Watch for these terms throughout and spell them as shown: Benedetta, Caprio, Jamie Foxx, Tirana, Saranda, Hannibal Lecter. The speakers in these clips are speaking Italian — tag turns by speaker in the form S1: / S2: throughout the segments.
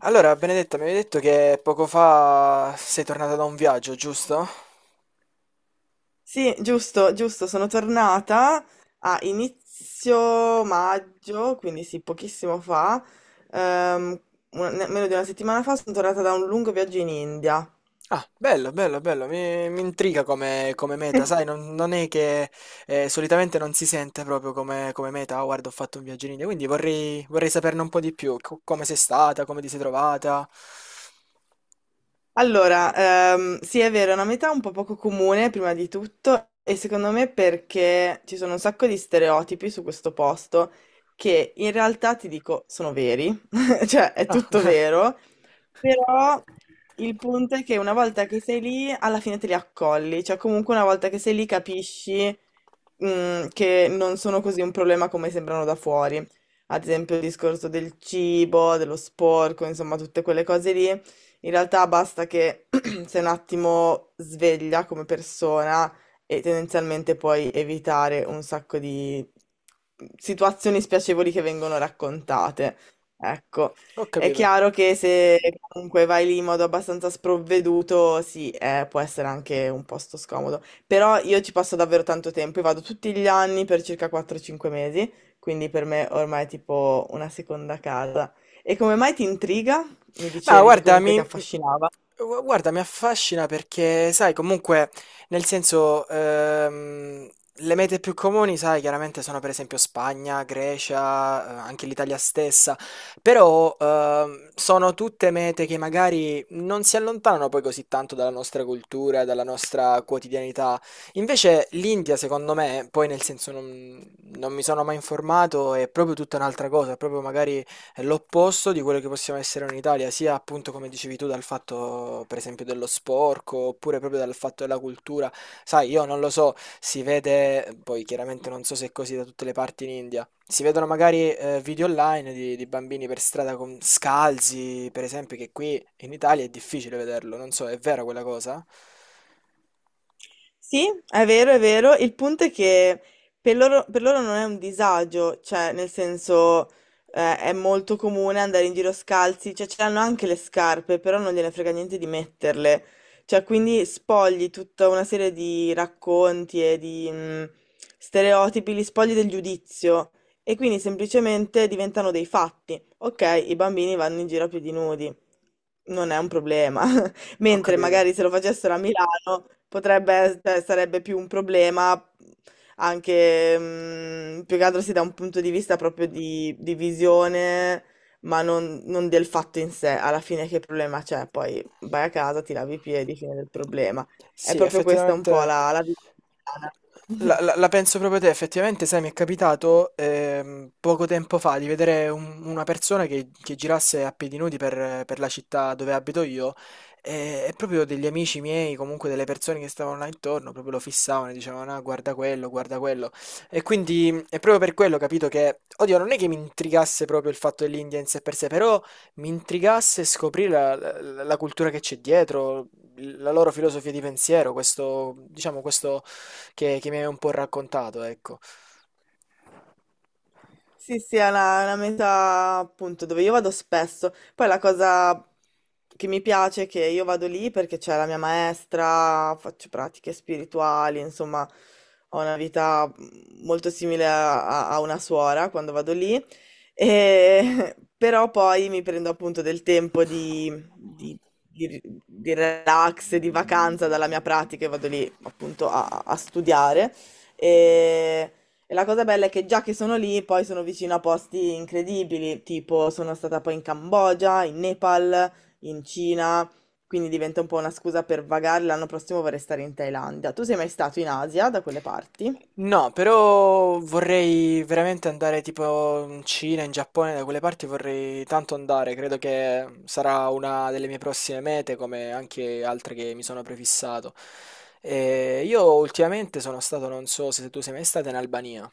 S1: Allora, Benedetta, mi avevi detto che poco fa sei tornata da un viaggio, giusto?
S2: Sì, giusto, giusto, sono tornata a inizio maggio, quindi sì, pochissimo fa, ehm, meno di una settimana fa sono tornata da un lungo viaggio in India.
S1: Ah, bello, bello, bello, mi intriga come meta, sai, non è che solitamente non si sente proprio come meta, "Ah, guarda, ho fatto un viaggio in India", quindi vorrei saperne un po' di più, come sei stata, come ti sei trovata.
S2: Allora, sì, è vero, è una metà un po' poco comune, prima di tutto, e secondo me perché ci sono un sacco di stereotipi su questo posto che in realtà ti dico sono veri, cioè è
S1: Ah,
S2: tutto vero. Però il punto è che una volta che sei lì, alla fine te li accolli, cioè comunque una volta che sei lì capisci che non sono così un problema come sembrano da fuori. Ad esempio il discorso del cibo, dello sporco, insomma tutte quelle cose lì. In realtà basta che sei un attimo sveglia come persona e tendenzialmente puoi evitare un sacco di situazioni spiacevoli che vengono raccontate. Ecco.
S1: ho
S2: È
S1: capito.
S2: chiaro che se comunque vai lì in modo abbastanza sprovveduto, sì, può essere anche un posto scomodo. Però io ci passo davvero tanto tempo, io vado tutti gli anni per circa 4-5 mesi, quindi per me ormai è tipo una seconda casa. E come mai ti intriga? Mi
S1: Ma
S2: dicevi che
S1: guarda,
S2: comunque ti
S1: mi,
S2: affascinava.
S1: gu- guarda, mi affascina perché, sai, comunque, nel senso, le mete più comuni, sai, chiaramente sono per esempio Spagna, Grecia, anche l'Italia stessa, però sono tutte mete che magari non si allontanano poi così tanto dalla nostra cultura, dalla nostra quotidianità. Invece l'India, secondo me, poi nel senso non mi sono mai informato, è proprio tutta un'altra cosa, è proprio magari è l'opposto di quello che possiamo essere in Italia, sia appunto come dicevi tu dal fatto per esempio dello sporco, oppure proprio dal fatto della cultura. Sai, io non lo so, si vede, poi chiaramente non so se è così da tutte le parti in India, si vedono magari video online di bambini per strada con scalzi, per esempio, che qui in Italia è difficile vederlo, non so, è vera quella cosa?
S2: Sì, è vero, è vero. Il punto è che per loro non è un disagio, cioè nel senso è molto comune andare in giro scalzi, cioè ce l'hanno anche le scarpe, però non gliene frega niente di metterle. Cioè quindi spogli tutta una serie di racconti e di stereotipi, li spogli del giudizio e quindi semplicemente diventano dei fatti. Ok, i bambini vanno in giro più di nudi, non è un problema.
S1: Ho
S2: Mentre
S1: capito.
S2: magari se lo facessero a Milano potrebbe, cioè, sarebbe più un problema anche, più che altro sì, da un punto di vista proprio di visione, ma non, non del fatto in sé. Alla fine che problema c'è? Poi vai a casa, ti lavi i piedi, fine del problema. È
S1: Sì,
S2: proprio questa un po'
S1: effettivamente
S2: la vita
S1: La,
S2: italiana.
S1: la- la penso proprio te, effettivamente, sai, mi è capitato poco tempo fa di vedere una persona che girasse a piedi nudi per la città dove abito io e proprio degli amici miei, comunque delle persone che stavano là intorno, proprio lo fissavano e dicevano, ah, guarda quello, guarda quello. E quindi è proprio per quello, capito, che, oddio, non è che mi intrigasse proprio il fatto dell'India in sé per sé, però mi intrigasse scoprire la cultura che c'è dietro, la loro filosofia di pensiero, questo, diciamo, questo che mi hai un po' raccontato, ecco.
S2: Sì, sì, è una meta appunto dove io vado spesso. Poi la cosa che mi piace è che io vado lì perché c'è la mia maestra, faccio pratiche spirituali, insomma, ho una vita molto simile a, a una suora quando vado lì. E- però poi mi prendo appunto del tempo di, di relax, di vacanza dalla mia pratica e vado lì appunto a studiare. E e la cosa bella è che già che sono lì, poi sono vicino a posti incredibili, tipo sono stata poi in Cambogia, in Nepal, in Cina, quindi diventa un po' una scusa per vagare. L'anno prossimo vorrei stare in Thailandia. Tu sei mai stato in Asia, da quelle parti?
S1: No, però vorrei veramente andare tipo in Cina, in Giappone, da quelle parti vorrei tanto andare, credo che sarà una delle mie prossime mete, come anche altre che mi sono prefissato. E io ultimamente sono stato, non so se tu sei mai stato in Albania.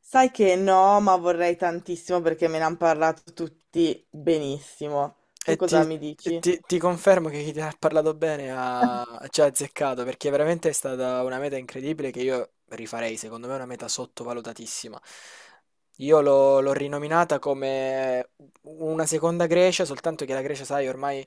S2: Sai che no, ma vorrei tantissimo perché me ne hanno parlato tutti benissimo. Tu
S1: E ti,
S2: cosa mi
S1: e
S2: dici?
S1: ti- ti confermo che chi ti ha parlato bene ci ha azzeccato perché veramente è stata una meta incredibile che io rifarei, secondo me è una meta sottovalutatissima. Io l'ho rinominata come una seconda Grecia, soltanto che la Grecia, sai, ormai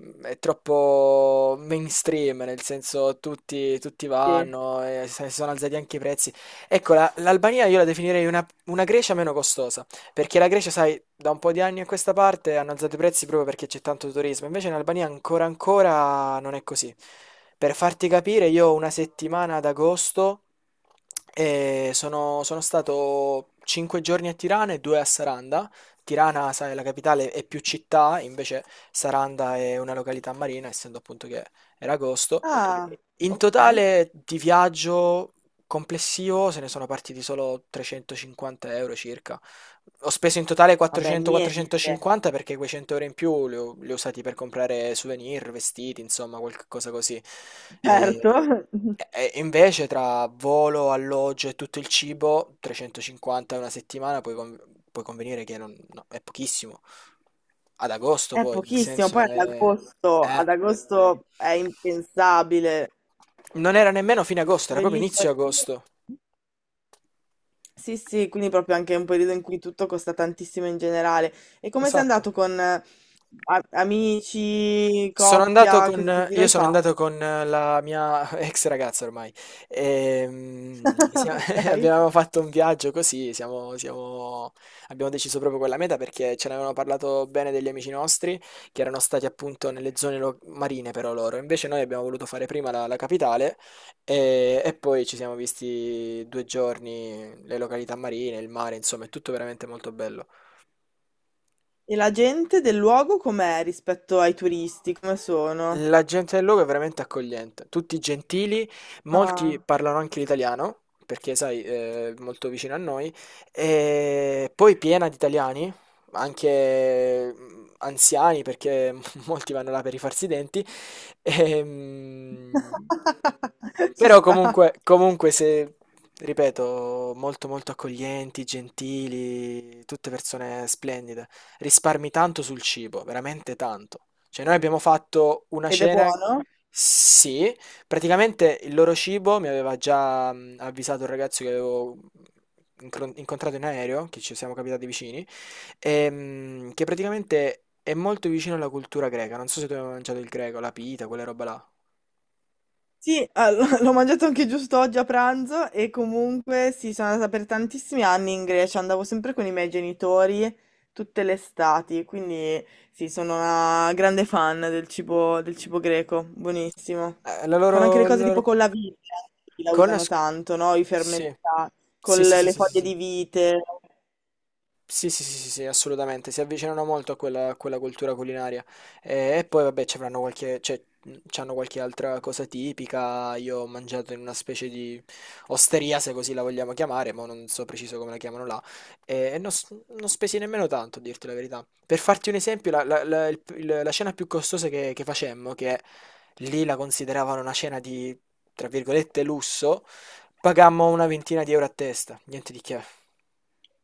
S1: è troppo mainstream, nel senso tutti
S2: Sì.
S1: vanno, e si sono alzati anche i prezzi. Ecco, l'Albania io la definirei una Grecia meno costosa, perché la Grecia, sai, da un po' di anni a questa parte hanno alzato i prezzi proprio perché c'è tanto turismo, invece in Albania ancora ancora non è così. Per farti capire, io ho una settimana ad agosto e sono stato 5 giorni a Tirana e 2 a Saranda. Tirana, sai, la capitale è più città, invece Saranda è una località marina, essendo appunto che era agosto.
S2: Ah,
S1: In
S2: ok.
S1: totale di viaggio complessivo se ne sono partiti solo 350 euro circa. Ho speso in totale
S2: Vabbè, niente.
S1: 400-450 perché quei 100 euro in più li ho usati per comprare souvenir, vestiti, insomma, qualcosa così. E,
S2: Certo.
S1: e invece tra volo, alloggio e tutto il cibo, 350 una settimana, puoi, puoi convenire che no, è pochissimo. Ad agosto
S2: È
S1: poi, nel
S2: pochissimo,
S1: senso...
S2: poi
S1: è-
S2: ad agosto è impensabile,
S1: non era nemmeno fine agosto, era proprio
S2: bellissimo.
S1: inizio agosto.
S2: Sì, sì, quindi proprio anche un periodo in cui tutto costa tantissimo in generale. E come sei
S1: Esatto.
S2: andato con amici,
S1: Sono andato
S2: coppia, così, che
S1: con,
S2: giro
S1: io
S2: hai
S1: sono
S2: fatto?
S1: andato con la mia ex ragazza ormai. Ehm, sia- Abbiamo
S2: Ok.
S1: fatto un viaggio così, abbiamo deciso proprio quella meta perché ce ne avevano parlato bene degli amici nostri che erano stati appunto nelle zone marine però loro. Invece noi abbiamo voluto fare prima la capitale e poi ci siamo visti 2 giorni, le località marine, il mare, insomma, è tutto veramente molto bello.
S2: E la gente del luogo com'è rispetto ai turisti? Come sono?
S1: La gente del luogo è veramente accogliente, tutti gentili, molti
S2: Ah.
S1: parlano anche l'italiano, perché sai, è molto vicino a noi, e poi piena di italiani, anche anziani, perché molti vanno là per rifarsi i denti, e, mm,
S2: Ci
S1: però
S2: sta.
S1: comunque se, ripeto, molto molto accoglienti, gentili, tutte persone splendide. Risparmi tanto sul cibo, veramente tanto. Cioè noi abbiamo fatto una
S2: Ed è
S1: cena,
S2: buono?
S1: sì, praticamente il loro cibo mi aveva già avvisato un ragazzo che avevo incontrato in aereo, che ci siamo capitati vicini, che praticamente è molto vicino alla cultura greca. Non so se tu hai mai mangiato il greco, la pita, quella roba là.
S2: Sì, ah, l'ho mangiato anche giusto oggi a pranzo e comunque sì, sono andata per tantissimi anni in Grecia, andavo sempre con i miei genitori tutte le estati, quindi sì, sono una grande fan del cibo greco, buonissimo.
S1: Eh, La
S2: Fanno anche le
S1: loro,
S2: cose
S1: la
S2: tipo
S1: loro-
S2: con la vite, la
S1: Con la...
S2: usano
S1: s-
S2: tanto, no? I
S1: Sì,
S2: fermentati,
S1: sì,
S2: con
S1: sì, sì,
S2: le
S1: sì, sì.
S2: foglie
S1: sì.
S2: di vite.
S1: Sì, sì, sì, sì, sì, assolutamente, si avvicinano molto a quella cultura culinaria. E poi, vabbè, cioè, c'hanno qualche altra cosa tipica. Io ho mangiato in una specie di osteria, se così la vogliamo chiamare, ma non so preciso come la chiamano là. E non spesi nemmeno tanto, a dirti la verità. Per farti un esempio, la cena più costosa che facemmo, che lì la consideravano una cena di, tra virgolette, lusso, pagammo una ventina di euro a testa, niente di che.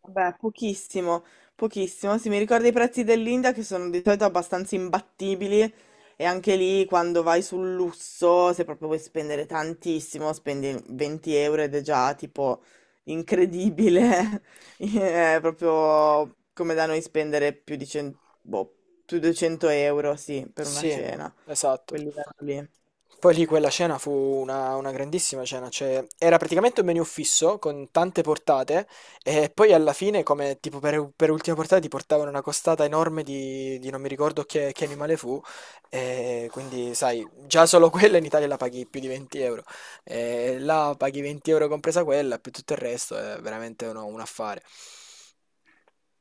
S2: Vabbè, pochissimo, pochissimo. Sì, mi ricordo i prezzi dell'India che sono di solito abbastanza imbattibili e anche lì quando vai sul lusso, se proprio vuoi spendere tantissimo, spendi 20 euro ed è già tipo incredibile. È proprio come da noi spendere più di 100, boh, più di 200 euro, sì, per una
S1: Sì,
S2: cena,
S1: esatto.
S2: quel livello lì.
S1: Poi lì quella cena fu una grandissima cena, cioè era praticamente un menu fisso con tante portate e poi alla fine, come tipo per ultima portata, ti portavano una costata enorme di non mi ricordo che animale fu, e quindi sai, già solo quella in Italia la paghi più di 20 euro, e là paghi 20 euro compresa quella, più tutto il resto, è veramente un affare.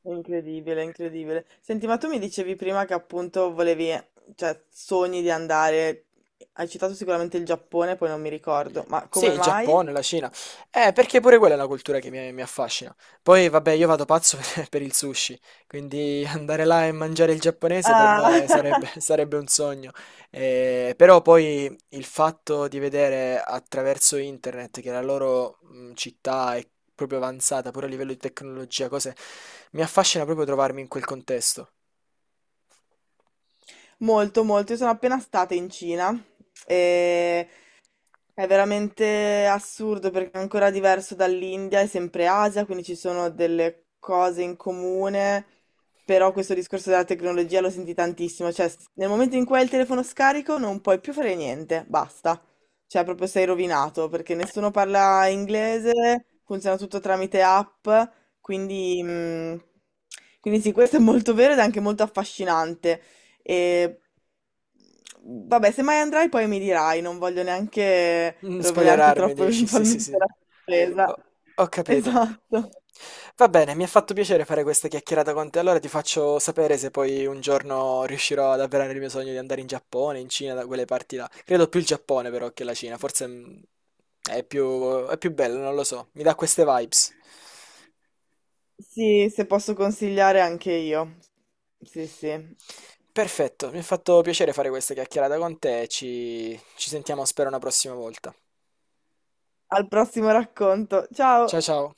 S2: Incredibile, incredibile. Senti, ma tu mi dicevi prima che appunto volevi, cioè, sogni di andare, hai citato sicuramente il Giappone, poi non mi ricordo, ma
S1: Sì,
S2: come
S1: il
S2: mai?
S1: Giappone, la Cina. Perché pure quella è una cultura che mi affascina. Poi, vabbè, io vado pazzo per il sushi, quindi andare là e mangiare il giapponese per
S2: Ah,
S1: me sarebbe, sarebbe un sogno. Però poi il fatto di vedere attraverso internet che la loro città è proprio avanzata, pure a livello di tecnologia, cose, mi affascina proprio trovarmi in quel contesto.
S2: molto, molto. Io sono appena stata in Cina e è veramente assurdo perché è ancora diverso dall'India, è sempre Asia, quindi ci sono delle cose in comune, però questo discorso della tecnologia lo senti tantissimo, cioè nel momento in cui hai il telefono scarico non puoi più fare niente, basta, cioè proprio sei rovinato perché nessuno parla inglese, funziona tutto tramite app, quindi, quindi sì, questo è molto vero ed è anche molto affascinante. E vabbè, se mai andrai poi mi dirai, non voglio neanche rovinarti
S1: Spoilerarmi,
S2: troppo
S1: dici? Sì, sì,
S2: eventualmente
S1: sì.
S2: la sorpresa.
S1: Ho, ho capito.
S2: Esatto.
S1: Va bene, mi ha fatto piacere fare questa chiacchierata con te. Allora ti faccio sapere se poi un giorno riuscirò ad avverare il mio sogno di andare in Giappone, in Cina, da quelle parti là. Credo più il Giappone però che la Cina. Forse è più bello, non lo so. Mi dà queste vibes.
S2: Sì, se posso consigliare anche io. Sì, sì.
S1: Perfetto, mi ha fatto piacere fare questa chiacchierata con te. Ci sentiamo, spero, una prossima volta.
S2: Al prossimo racconto.
S1: Ciao
S2: Ciao!
S1: ciao.